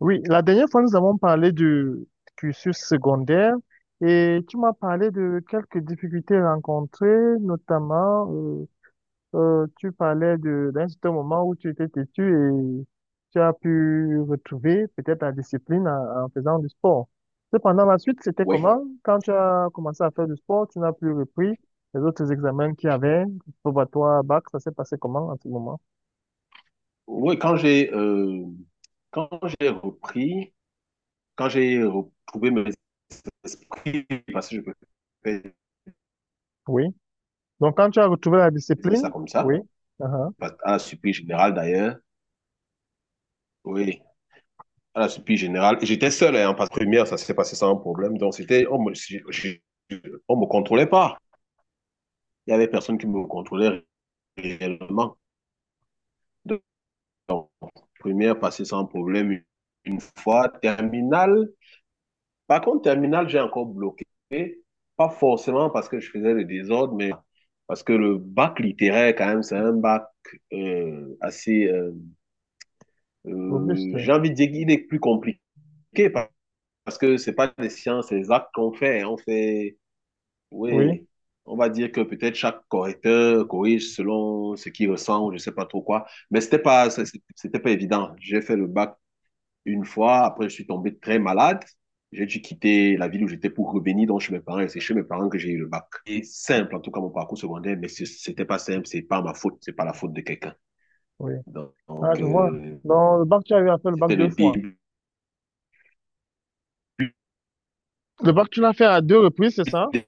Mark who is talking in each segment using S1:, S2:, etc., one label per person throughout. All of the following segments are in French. S1: Oui, la dernière fois, nous avons parlé du cursus secondaire et tu m'as parlé de quelques difficultés rencontrées, notamment, tu parlais d'un certain moment où tu étais têtu et tu as pu retrouver peut-être ta discipline en faisant du sport. Cependant, la suite, c'était
S2: Oui,
S1: comment? Quand tu as commencé à faire du sport, tu n'as plus repris les autres examens qu'il y avait, probatoire, bac, ça s'est passé comment en ce moment?
S2: oui, quand quand j'ai repris. Quand j'ai retrouvé mes esprits, parce que je peux
S1: Oui. Donc, quand tu as retrouvé la
S2: dire ça
S1: discipline,
S2: comme
S1: oui,
S2: ça,
S1: uh-huh,
S2: à la surprise générale d'ailleurs, oui, à la surprise générale, et j'étais seul hein, en passe première, ça s'est passé sans problème, donc c'était, on me, je- on me contrôlait pas, il y avait personne qui me contrôlait réellement. Donc, première passée sans problème, une fois, terminale, par contre, terminale, j'ai encore bloqué. Pas forcément parce que je faisais le désordre, mais parce que le bac littéraire, quand même, c'est un bac assez...
S1: Auguste.
S2: j'ai envie de dire qu'il est plus compliqué pa- parce que c'est pas des sciences exactes qu'on fait. On fait...
S1: Oui,
S2: Oui, on va dire que peut-être chaque correcteur corrige selon ce qu'il ressent ou je sais pas trop quoi. Mais c'était pas évident. J'ai fait le bac une fois, après, je suis tombé très malade. J'ai dû quitter la ville où j'étais pour revenir donc chez mes parents. Et c'est chez mes parents que j'ai eu le bac. C'est simple, en tout cas, mon parcours secondaire, mais c'était pas simple. C'est pas ma faute. C'est pas la faute de quelqu'un.
S1: oui. Ah,
S2: Donc,
S1: je vois.
S2: euh,
S1: Dans le bac, tu as eu à faire le bac
S2: c'était le
S1: deux fois.
S2: début.
S1: Le bac, tu l'as fait à deux reprises, c'est ça?
S2: des-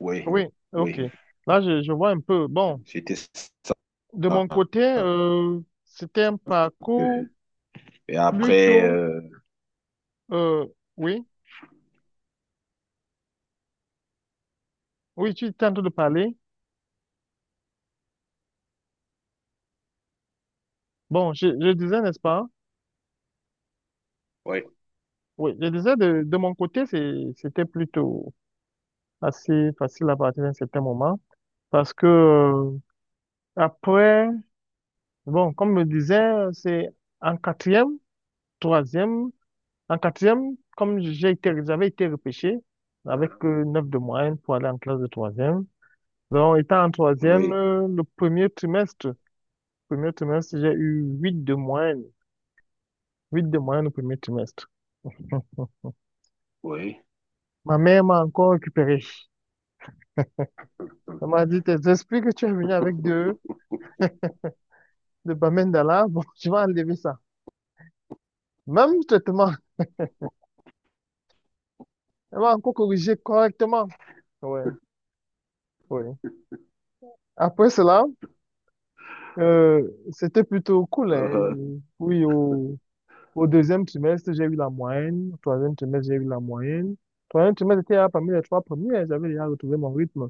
S2: Oui,
S1: Oui, ok.
S2: oui.
S1: Là, je vois un peu. Bon,
S2: C'était ça
S1: de mon
S2: un
S1: côté, c'était un
S2: peu.
S1: parcours
S2: Et après,
S1: plutôt... euh, oui, oui, tu étais en train de parler. Bon, je disais, n'est-ce pas?
S2: oui,
S1: Oui, je disais, de mon côté, c'était plutôt assez facile à partir d'un certain moment. Parce que après, bon, comme je le disais, c'est en quatrième, troisième. En quatrième, comme j'avais été repêché avec 9 de moyenne pour aller en classe de troisième. Donc, étant en troisième,
S2: oui,
S1: le premier trimestre, j'ai eu 8 de moyenne au premier trimestre.
S2: oui.
S1: Ma mère m'a encore récupéré. Elle m'a dit, tes esprits que tu es venu avec de Bamendala, bon, tu vas enlever ça. Même traitement, elle m'a encore corrigé correctement. Ouais, ouais. Après cela, c'était plutôt cool, hein.
S2: Euh,
S1: Oui, au- Au deuxième trimestre, j'ai eu la moyenne. Au troisième trimestre, j'ai eu la moyenne. Troisième trimestre, j'étais là parmi les trois premiers. J'avais déjà retrouvé mon rythme.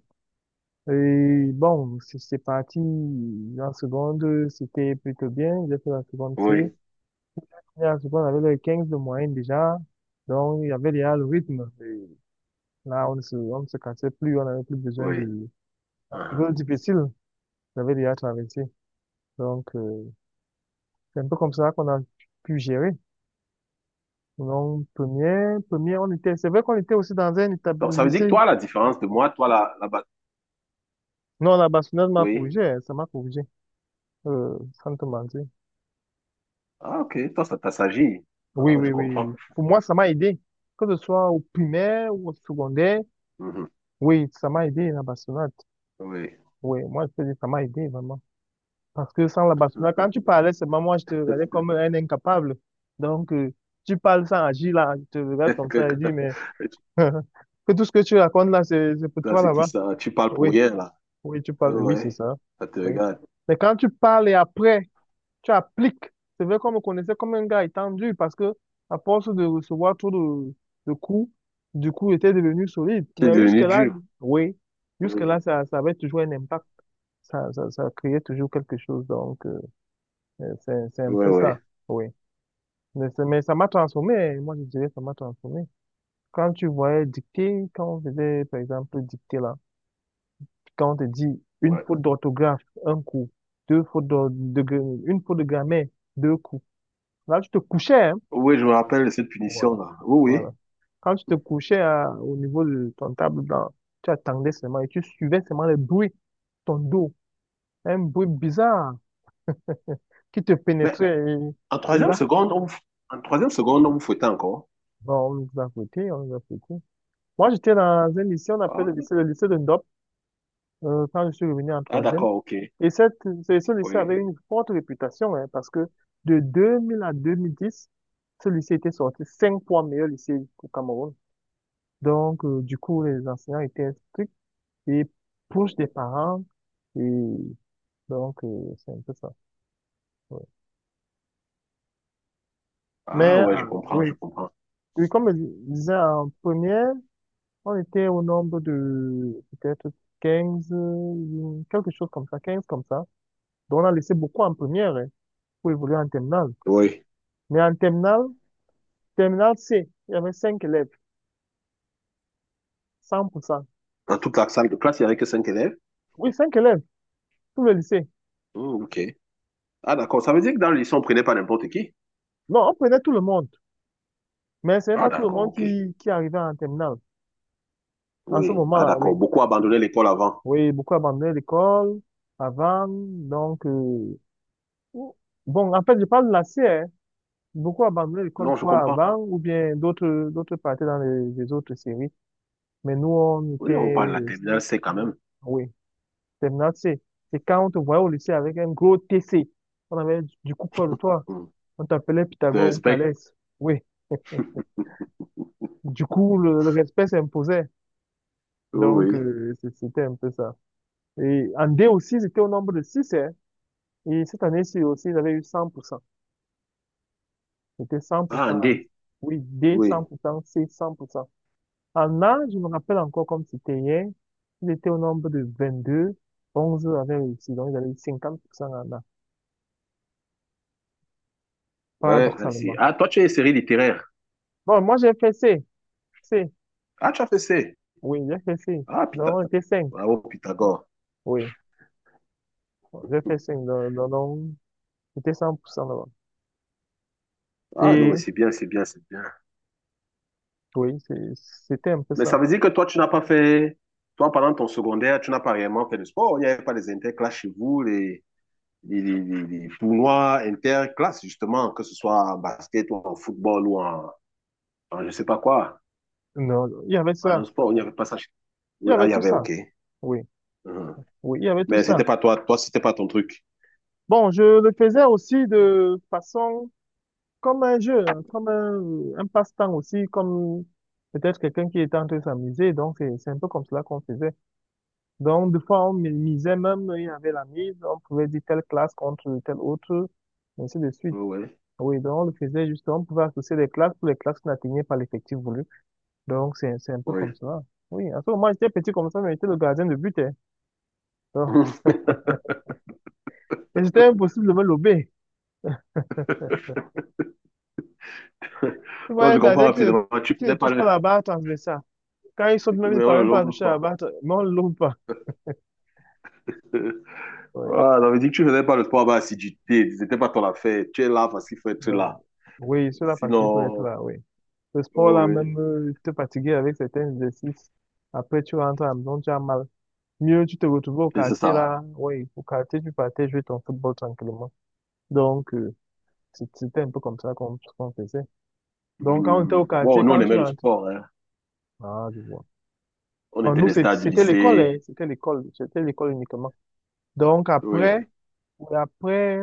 S1: Et bon, c'est parti. En seconde, c'était plutôt bien. J'ai fait la seconde
S2: oui,
S1: C. Et en seconde, on avait le 15 de moyenne déjà. Donc, il y avait déjà le rythme. Et là, on ne se cassait plus. On n'avait plus besoin
S2: oui.
S1: de la
S2: Uh-huh.
S1: période difficile. J'avais déjà traversé. Donc, c'est un peu comme ça qu'on a pu gérer. Non première, on était, c'est vrai qu'on était aussi dans un
S2: Donc,
S1: établissement
S2: ça veut dire que
S1: lycée.
S2: toi, la différence de moi, toi,
S1: Non, la bâtonneuse m'a
S2: oui.
S1: corrigé, hein, ça m'a corrigé, euh, sans te mentir.
S2: Ah, ok, toi, ça t'assagit.
S1: Oui,
S2: Ah, je
S1: oui, oui,
S2: comprends.
S1: oui. Pour moi, ça m'a aidé. Que ce soit au primaire ou au secondaire,
S2: Mhm.
S1: oui, ça m'a aidé, la bastonnade.
S2: Oui.
S1: Oui, moi, je te dis ça m'a aidé, vraiment. Parce que sans la bastonnade, quand tu parlais, seulement moi, je te regardais comme un incapable. Donc, tu parles sans agir, là, je te regarde comme ça et dis, mais, que tout ce que tu racontes, là, c'est pour
S2: Là,
S1: toi,
S2: c'est qui
S1: là-bas.
S2: ça? Tu parles pour
S1: Oui.
S2: rien, là.
S1: Oui, tu
S2: Ah
S1: parles, oui, c'est
S2: ouais,
S1: ça.
S2: ça te
S1: Oui.
S2: regarde.
S1: Mais quand tu parles et après, tu appliques, c'est vrai qu'on me connaissait comme un gars étendu parce que, à force de recevoir trop de coups, du coup, il était devenu solide.
S2: Tu es
S1: Mais
S2: devenu
S1: jusque-là,
S2: dur.
S1: oui,
S2: Oui,
S1: jusque-là, ça avait toujours un impact. Ça créait toujours quelque chose. Donc, c'est un
S2: oui,
S1: peu
S2: oui.
S1: ça. Oui. Mais ça m'a transformé. Moi, je dirais, ça m'a transformé. Quand tu voyais dicter, quand on faisait, par exemple, dicter là, quand on te dit une
S2: Ouais.
S1: faute d'orthographe, un coup, deux fautes d'or- de, gra- une faute de grammaire, deux coups. Là, tu te couchais, hein.
S2: Oui, je me rappelle de cette
S1: Ouais.
S2: punition-là. Oui,
S1: Voilà.
S2: oui.
S1: Quand tu te au niveau de ton table blanc, tu attendais seulement et tu suivais seulement le bruit, ton dos, un bruit bizarre qui te
S2: Mais
S1: pénétrait.
S2: en
S1: Et
S2: troisième
S1: là,
S2: seconde, on vous... en troisième seconde, on vous fouettait encore.
S1: bon, on nous a foutus. Moi, j'étais dans un lycée, on appelle
S2: Ah,
S1: le lycée de Ndom. Quand je suis revenu en
S2: ah,
S1: troisième.
S2: d'accord, ok.
S1: Et ce ce lycée
S2: Oui.
S1: avait une forte réputation, hein, parce que de 2000 à 2010, ce lycée était sorti cinq fois meilleur lycée au Cameroun. Donc, du coup, les enseignants étaient stricts et proches des parents. Et donc, c'est un peu ça, ouais. Mais,
S2: Ah ouais, je comprends, je
S1: oui,
S2: comprends.
S1: oui, comme je disais, en première, on était au nombre de peut-être 15 quelque chose comme ça, 15 comme ça. Donc, on a laissé beaucoup en première, hein, pour évoluer en terminale.
S2: Oui.
S1: Mais en terminale, terminale C, il y avait cinq élèves, 100%.
S2: Dans toute la salle de classe, il n'y avait que cinq élèves.
S1: Oui, cinq élèves, tout le lycée.
S2: Hmm, ok. Ah d'accord, ça veut dire que dans le lycée, on ne prenait pas n'importe qui.
S1: Non, on prenait tout le monde, mais ce n'est
S2: Ah
S1: pas tout le
S2: d'accord,
S1: monde
S2: ok.
S1: qui arrivait en terminale. En ce
S2: Oui. Ah,
S1: moment-là, oui.
S2: d'accord. Beaucoup abandonné l'école avant.
S1: Oui, beaucoup abandonnaient l'école avant, donc... bon, en fait, je parle de la C, hein. Beaucoup abandonnaient l'école
S2: Non, je
S1: soit
S2: comprends.
S1: avant ou bien d'autres partaient dans les autres séries. Mais nous, on était,
S2: Oui, on parle de la terminale C quand même.
S1: oui, terminale C. Et quand on te voyait au lycée avec un gros TC, on avait du coup peur de toi.
S2: Hmm.
S1: On t'appelait
S2: Je te
S1: Pythagore ou
S2: respecte.
S1: Thalès. Oui. Du coup, le respect s'imposait.
S2: Oui.
S1: Donc,
S2: Oui.
S1: c'était un peu ça. Et en D aussi, c'était au nombre de 6, hein. Et cette année-ci aussi, ils avaient eu cent pour cent. C'était 100%.
S2: Ah, un
S1: en-
S2: D.
S1: Oui, D,
S2: Oui.
S1: cent pour cent, C, cent pour cent. En A, je me rappelle encore comme c'était hier. Ils étaient au nombre de 22, 11 avaient réussi. Donc, ils avaient eu 50% en A.
S2: Ouais, là, ici.
S1: Paradoxalement.
S2: Ah, toi, tu es série littéraire.
S1: Bon, moi, j'ai fait C. C.
S2: Ah, tu as fait C.
S1: Oui, j'ai fait C.
S2: Ah,
S1: Donc,
S2: Pytha...
S1: on était 5.
S2: Bravo, Pythagore.
S1: Oui. J'ai
S2: Hmm.
S1: fait cinq, donc j'étais 100% là-bas.
S2: Ah, non, mais
S1: Et
S2: c'est bien, c'est bien, c'est bien.
S1: oui, c'était un peu
S2: Mais
S1: ça.
S2: ça veut dire que toi, tu n'as pas fait. Toi, pendant ton secondaire, tu n'as pas réellement fait de sport. Il n'y avait pas les interclasses chez vous, les tournois interclasses, justement, que ce soit en basket ou en football ou en je sais pas quoi.
S1: Non, il y avait
S2: En
S1: ça.
S2: un sport, il n'y avait pas ça.
S1: Il y
S2: Oui, ah,
S1: avait
S2: il y
S1: tout
S2: avait, ok.
S1: ça. Oui,
S2: Mhm.
S1: oui, il y avait tout
S2: Mais c'était
S1: ça.
S2: pas toi, toi, c'était pas ton truc.
S1: Bon, je le faisais aussi de façon comme un jeu, hein, comme un passe-temps aussi, comme peut-être quelqu'un qui était en train de s'amuser. Donc, c'est un peu comme cela qu'on faisait. Donc, des fois, misait même, il y avait la mise, on pouvait dire telle classe contre telle autre, et ainsi de suite.
S2: Oui,
S1: Oui, donc on le faisait justement, on pouvait associer les classes pour les classes qui n'atteignaient pas l'effectif voulu. Donc, c'est un peu
S2: oui. Oui.
S1: comme ça. Oui, en ce moment j'étais petit comme ça, mais j'étais le gardien de but, hein. Donc, et c'était impossible de me lober. Tu vois,
S2: Non,
S1: un
S2: je comprends
S1: gardien
S2: rapidement. Ah, tu
S1: qui ne
S2: faisais pas
S1: touche pas
S2: le.
S1: la barre transversale. Quand il saute, même, il ne
S2: Mais on le
S1: parvient pas à
S2: lobe
S1: toucher la
S2: pas.
S1: barre, mais on ne le lobe pas. Ouais.
S2: Ah, j'avais dit que tu faisais pas le sport avec assiduité. C'était pas ton affaire. Tu es là parce qu'il faut être là.
S1: Donc, oui, sur la partie, il faut être
S2: Sinon,
S1: là, oui. Ce
S2: oui,
S1: sport-là,
S2: oui.
S1: même, te fatiguer avec certains exercices. Après, tu rentres à la maison, tu as mal. Mieux, tu te retrouves au
S2: Et c'est
S1: quartier,
S2: ça.
S1: là. Oui, au quartier, tu partais jouer ton football tranquillement. Donc, c'était un peu comme ça qu'on faisait. Donc, quand on était au
S2: Mhm. Bon,
S1: quartier,
S2: nous, on
S1: quand tu
S2: aimait le
S1: rentrais,
S2: sport, hein.
S1: ah, je vois.
S2: On
S1: Non,
S2: était
S1: nous,
S2: les stars du
S1: c'était l'école, hein.
S2: lycée.
S1: C'était l'école. C'était l'école uniquement. Donc,
S2: Oui,
S1: après, ouais, après,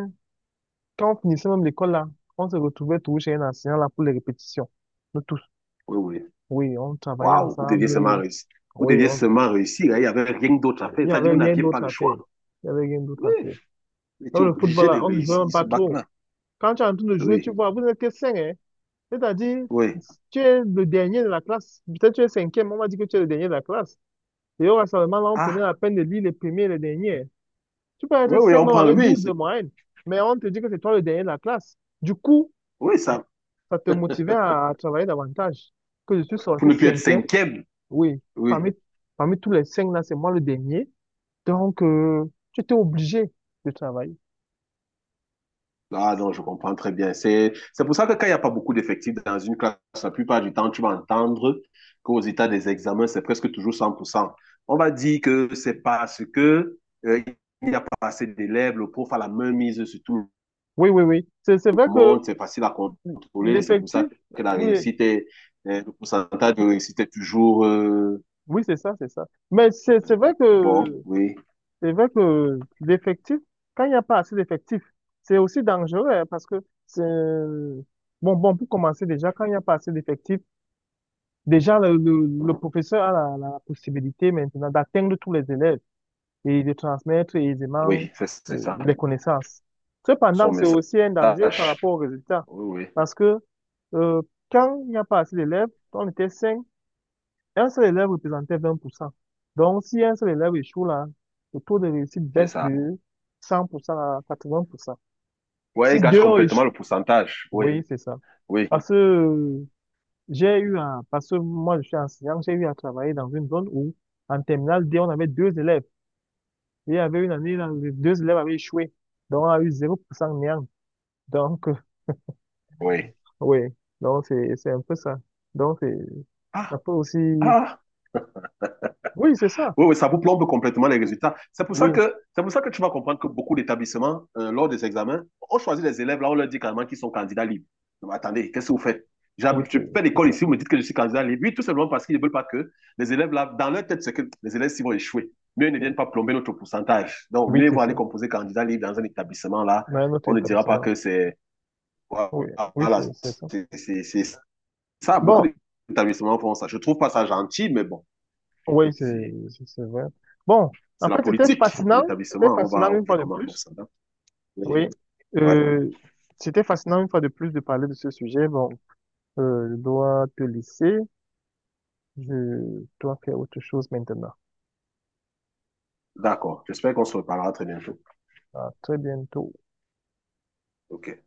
S1: quand on finissait même l'école, là, on se retrouvait tous chez un enseignant, là, pour les répétitions. Nous tous.
S2: oui, oui.
S1: Oui, on travaillait
S2: Waouh, vous deviez seulement
S1: ensemble.
S2: réussir. Vous
S1: Oui,
S2: deviez seulement réussir, hein. Il n'y avait rien d'autre à
S1: il
S2: faire.
S1: n'y
S2: Ça dit,
S1: avait
S2: vous
S1: rien
S2: n'aviez pas
S1: d'autre
S2: le
S1: à
S2: choix.
S1: faire. Il n'y avait rien d'autre
S2: Oui.
S1: à faire.
S2: Il
S1: Dans
S2: était
S1: le football,
S2: obligé
S1: là,
S2: de
S1: on ne jouait
S2: réussir
S1: même
S2: ce
S1: pas trop.
S2: bac-là.
S1: Quand tu es en train de jouer, tu
S2: Oui.
S1: vois, vous n'êtes que cinq, hein. C'est-à-dire,
S2: Oui.
S1: tu es le dernier de la classe. Peut-être tu es cinquième, on m'a dit que tu es le dernier de la classe. Et on va seulement, là, on prenait
S2: Ah,
S1: la peine de lire les premiers et les derniers. Tu peux
S2: oui,
S1: être
S2: oui,
S1: cinq
S2: on
S1: membres
S2: prend.
S1: avec
S2: Oui,
S1: 12 de moyenne, mais on te dit que c'est toi le dernier de la classe. Du coup,
S2: oui, ça,
S1: ça te motivait à travailler davantage. Que je suis
S2: pour
S1: sorti
S2: ne plus être
S1: cinquième,
S2: cinquième.
S1: oui,
S2: Oui.
S1: parmi, parmi tous les cinq là, c'est moi le dernier. Donc, tu étais obligé de travailler.
S2: Ah non, je comprends très bien. C'est pour ça que quand il n'y a pas beaucoup d'effectifs dans une classe, la plupart du temps, tu vas entendre qu'aux états des examens, c'est presque toujours 100%. On va dire que c'est parce que, euh, il n'y a pas assez d'élèves, le prof a la main mise sur tout
S1: Oui, oui, oui. C'est
S2: le
S1: vrai que
S2: monde, c'est facile à contrôler, c'est pour
S1: l'effectif,
S2: ça que la
S1: oui,
S2: réussite est, le pourcentage de réussite est toujours,
S1: oui, c'est ça. Mais c'est vrai
S2: bon,
S1: que
S2: oui.
S1: c'est vrai que l'effectif, quand il n'y a pas assez d'effectifs, c'est aussi dangereux hein, parce que c'est... bon, pour commencer déjà, quand il n'y a pas assez d'effectifs, déjà le
S2: Mhm.
S1: professeur a la possibilité maintenant d'atteindre tous les élèves et de transmettre aisément
S2: Oui, c'est ça.
S1: les connaissances.
S2: Son
S1: Cependant, c'est aussi un danger par
S2: message.
S1: rapport aux résultats
S2: Oui, oui,
S1: parce que euh, quand il n'y a pas assez d'élèves, on était cinq, un seul élève représentait 20%. Donc, si un seul élève échoue là, le taux de réussite
S2: c'est
S1: baisse
S2: ça.
S1: de 100% à 80%.
S2: Oui, il
S1: Si
S2: gâche
S1: deux ont
S2: complètement le
S1: échoué,
S2: pourcentage. Oui,
S1: oui, c'est ça.
S2: oui,
S1: Parce que j'ai eu un, parce que moi je suis enseignant, j'ai eu à travailler dans une zone où, en terminale D, on avait deux élèves. Et il y avait une année, là, les deux élèves avaient échoué. Donc, on a eu 0% néant. Donc,
S2: oui.
S1: oui. Donc, c'est un peu ça. Donc, ça
S2: Ah,
S1: peut aussi,
S2: ah.
S1: oui, c'est ça.
S2: Oui, oui, ça vous plombe complètement les résultats.
S1: Oui,
S2: C'est pour ça que tu vas comprendre que beaucoup d'établissements, lors des examens, on choisit les élèves, là, on leur dit carrément qu'ils sont candidats libres. Non, mais attendez, qu'est-ce que vous faites?
S1: oui, c'est
S2: Je fais
S1: c'est
S2: l'école
S1: ça.
S2: ici, vous me dites que je suis candidat libre. Oui, tout simplement parce qu'ils ne veulent pas que les élèves, là, dans leur tête, c'est que les élèves, s'ils vont échouer, mieux ils ne viennent pas plomber notre pourcentage. Donc,
S1: Oui,
S2: mieux ils
S1: c'est
S2: vont aller
S1: ça.
S2: composer candidat libre dans un établissement, là,
S1: Ouais, notre
S2: on ne dira pas
S1: établissement.
S2: que c'est. Voilà,
S1: Oui, oui, c'est ça.
S2: c'est ça. Beaucoup
S1: Bon,
S2: d'établissements font ça. Je ne trouve pas ça gentil, mais bon,
S1: oui, c'est
S2: c'est
S1: c'est- c'est vrai. Bon, en
S2: c'est la
S1: fait, c'était
S2: politique de
S1: fascinant. C'était
S2: l'établissement. On
S1: fascinant
S2: va, on
S1: une
S2: fait
S1: fois de
S2: comment? On
S1: plus.
S2: s'adapte. Oui.
S1: Oui.
S2: Ouais.
S1: Euh, c'était fascinant une fois de plus de parler de ce sujet. Bon, je dois te laisser. Je dois faire autre chose maintenant.
S2: D'accord. J'espère qu'on se reparlera très bientôt.
S1: À très bientôt.
S2: OK.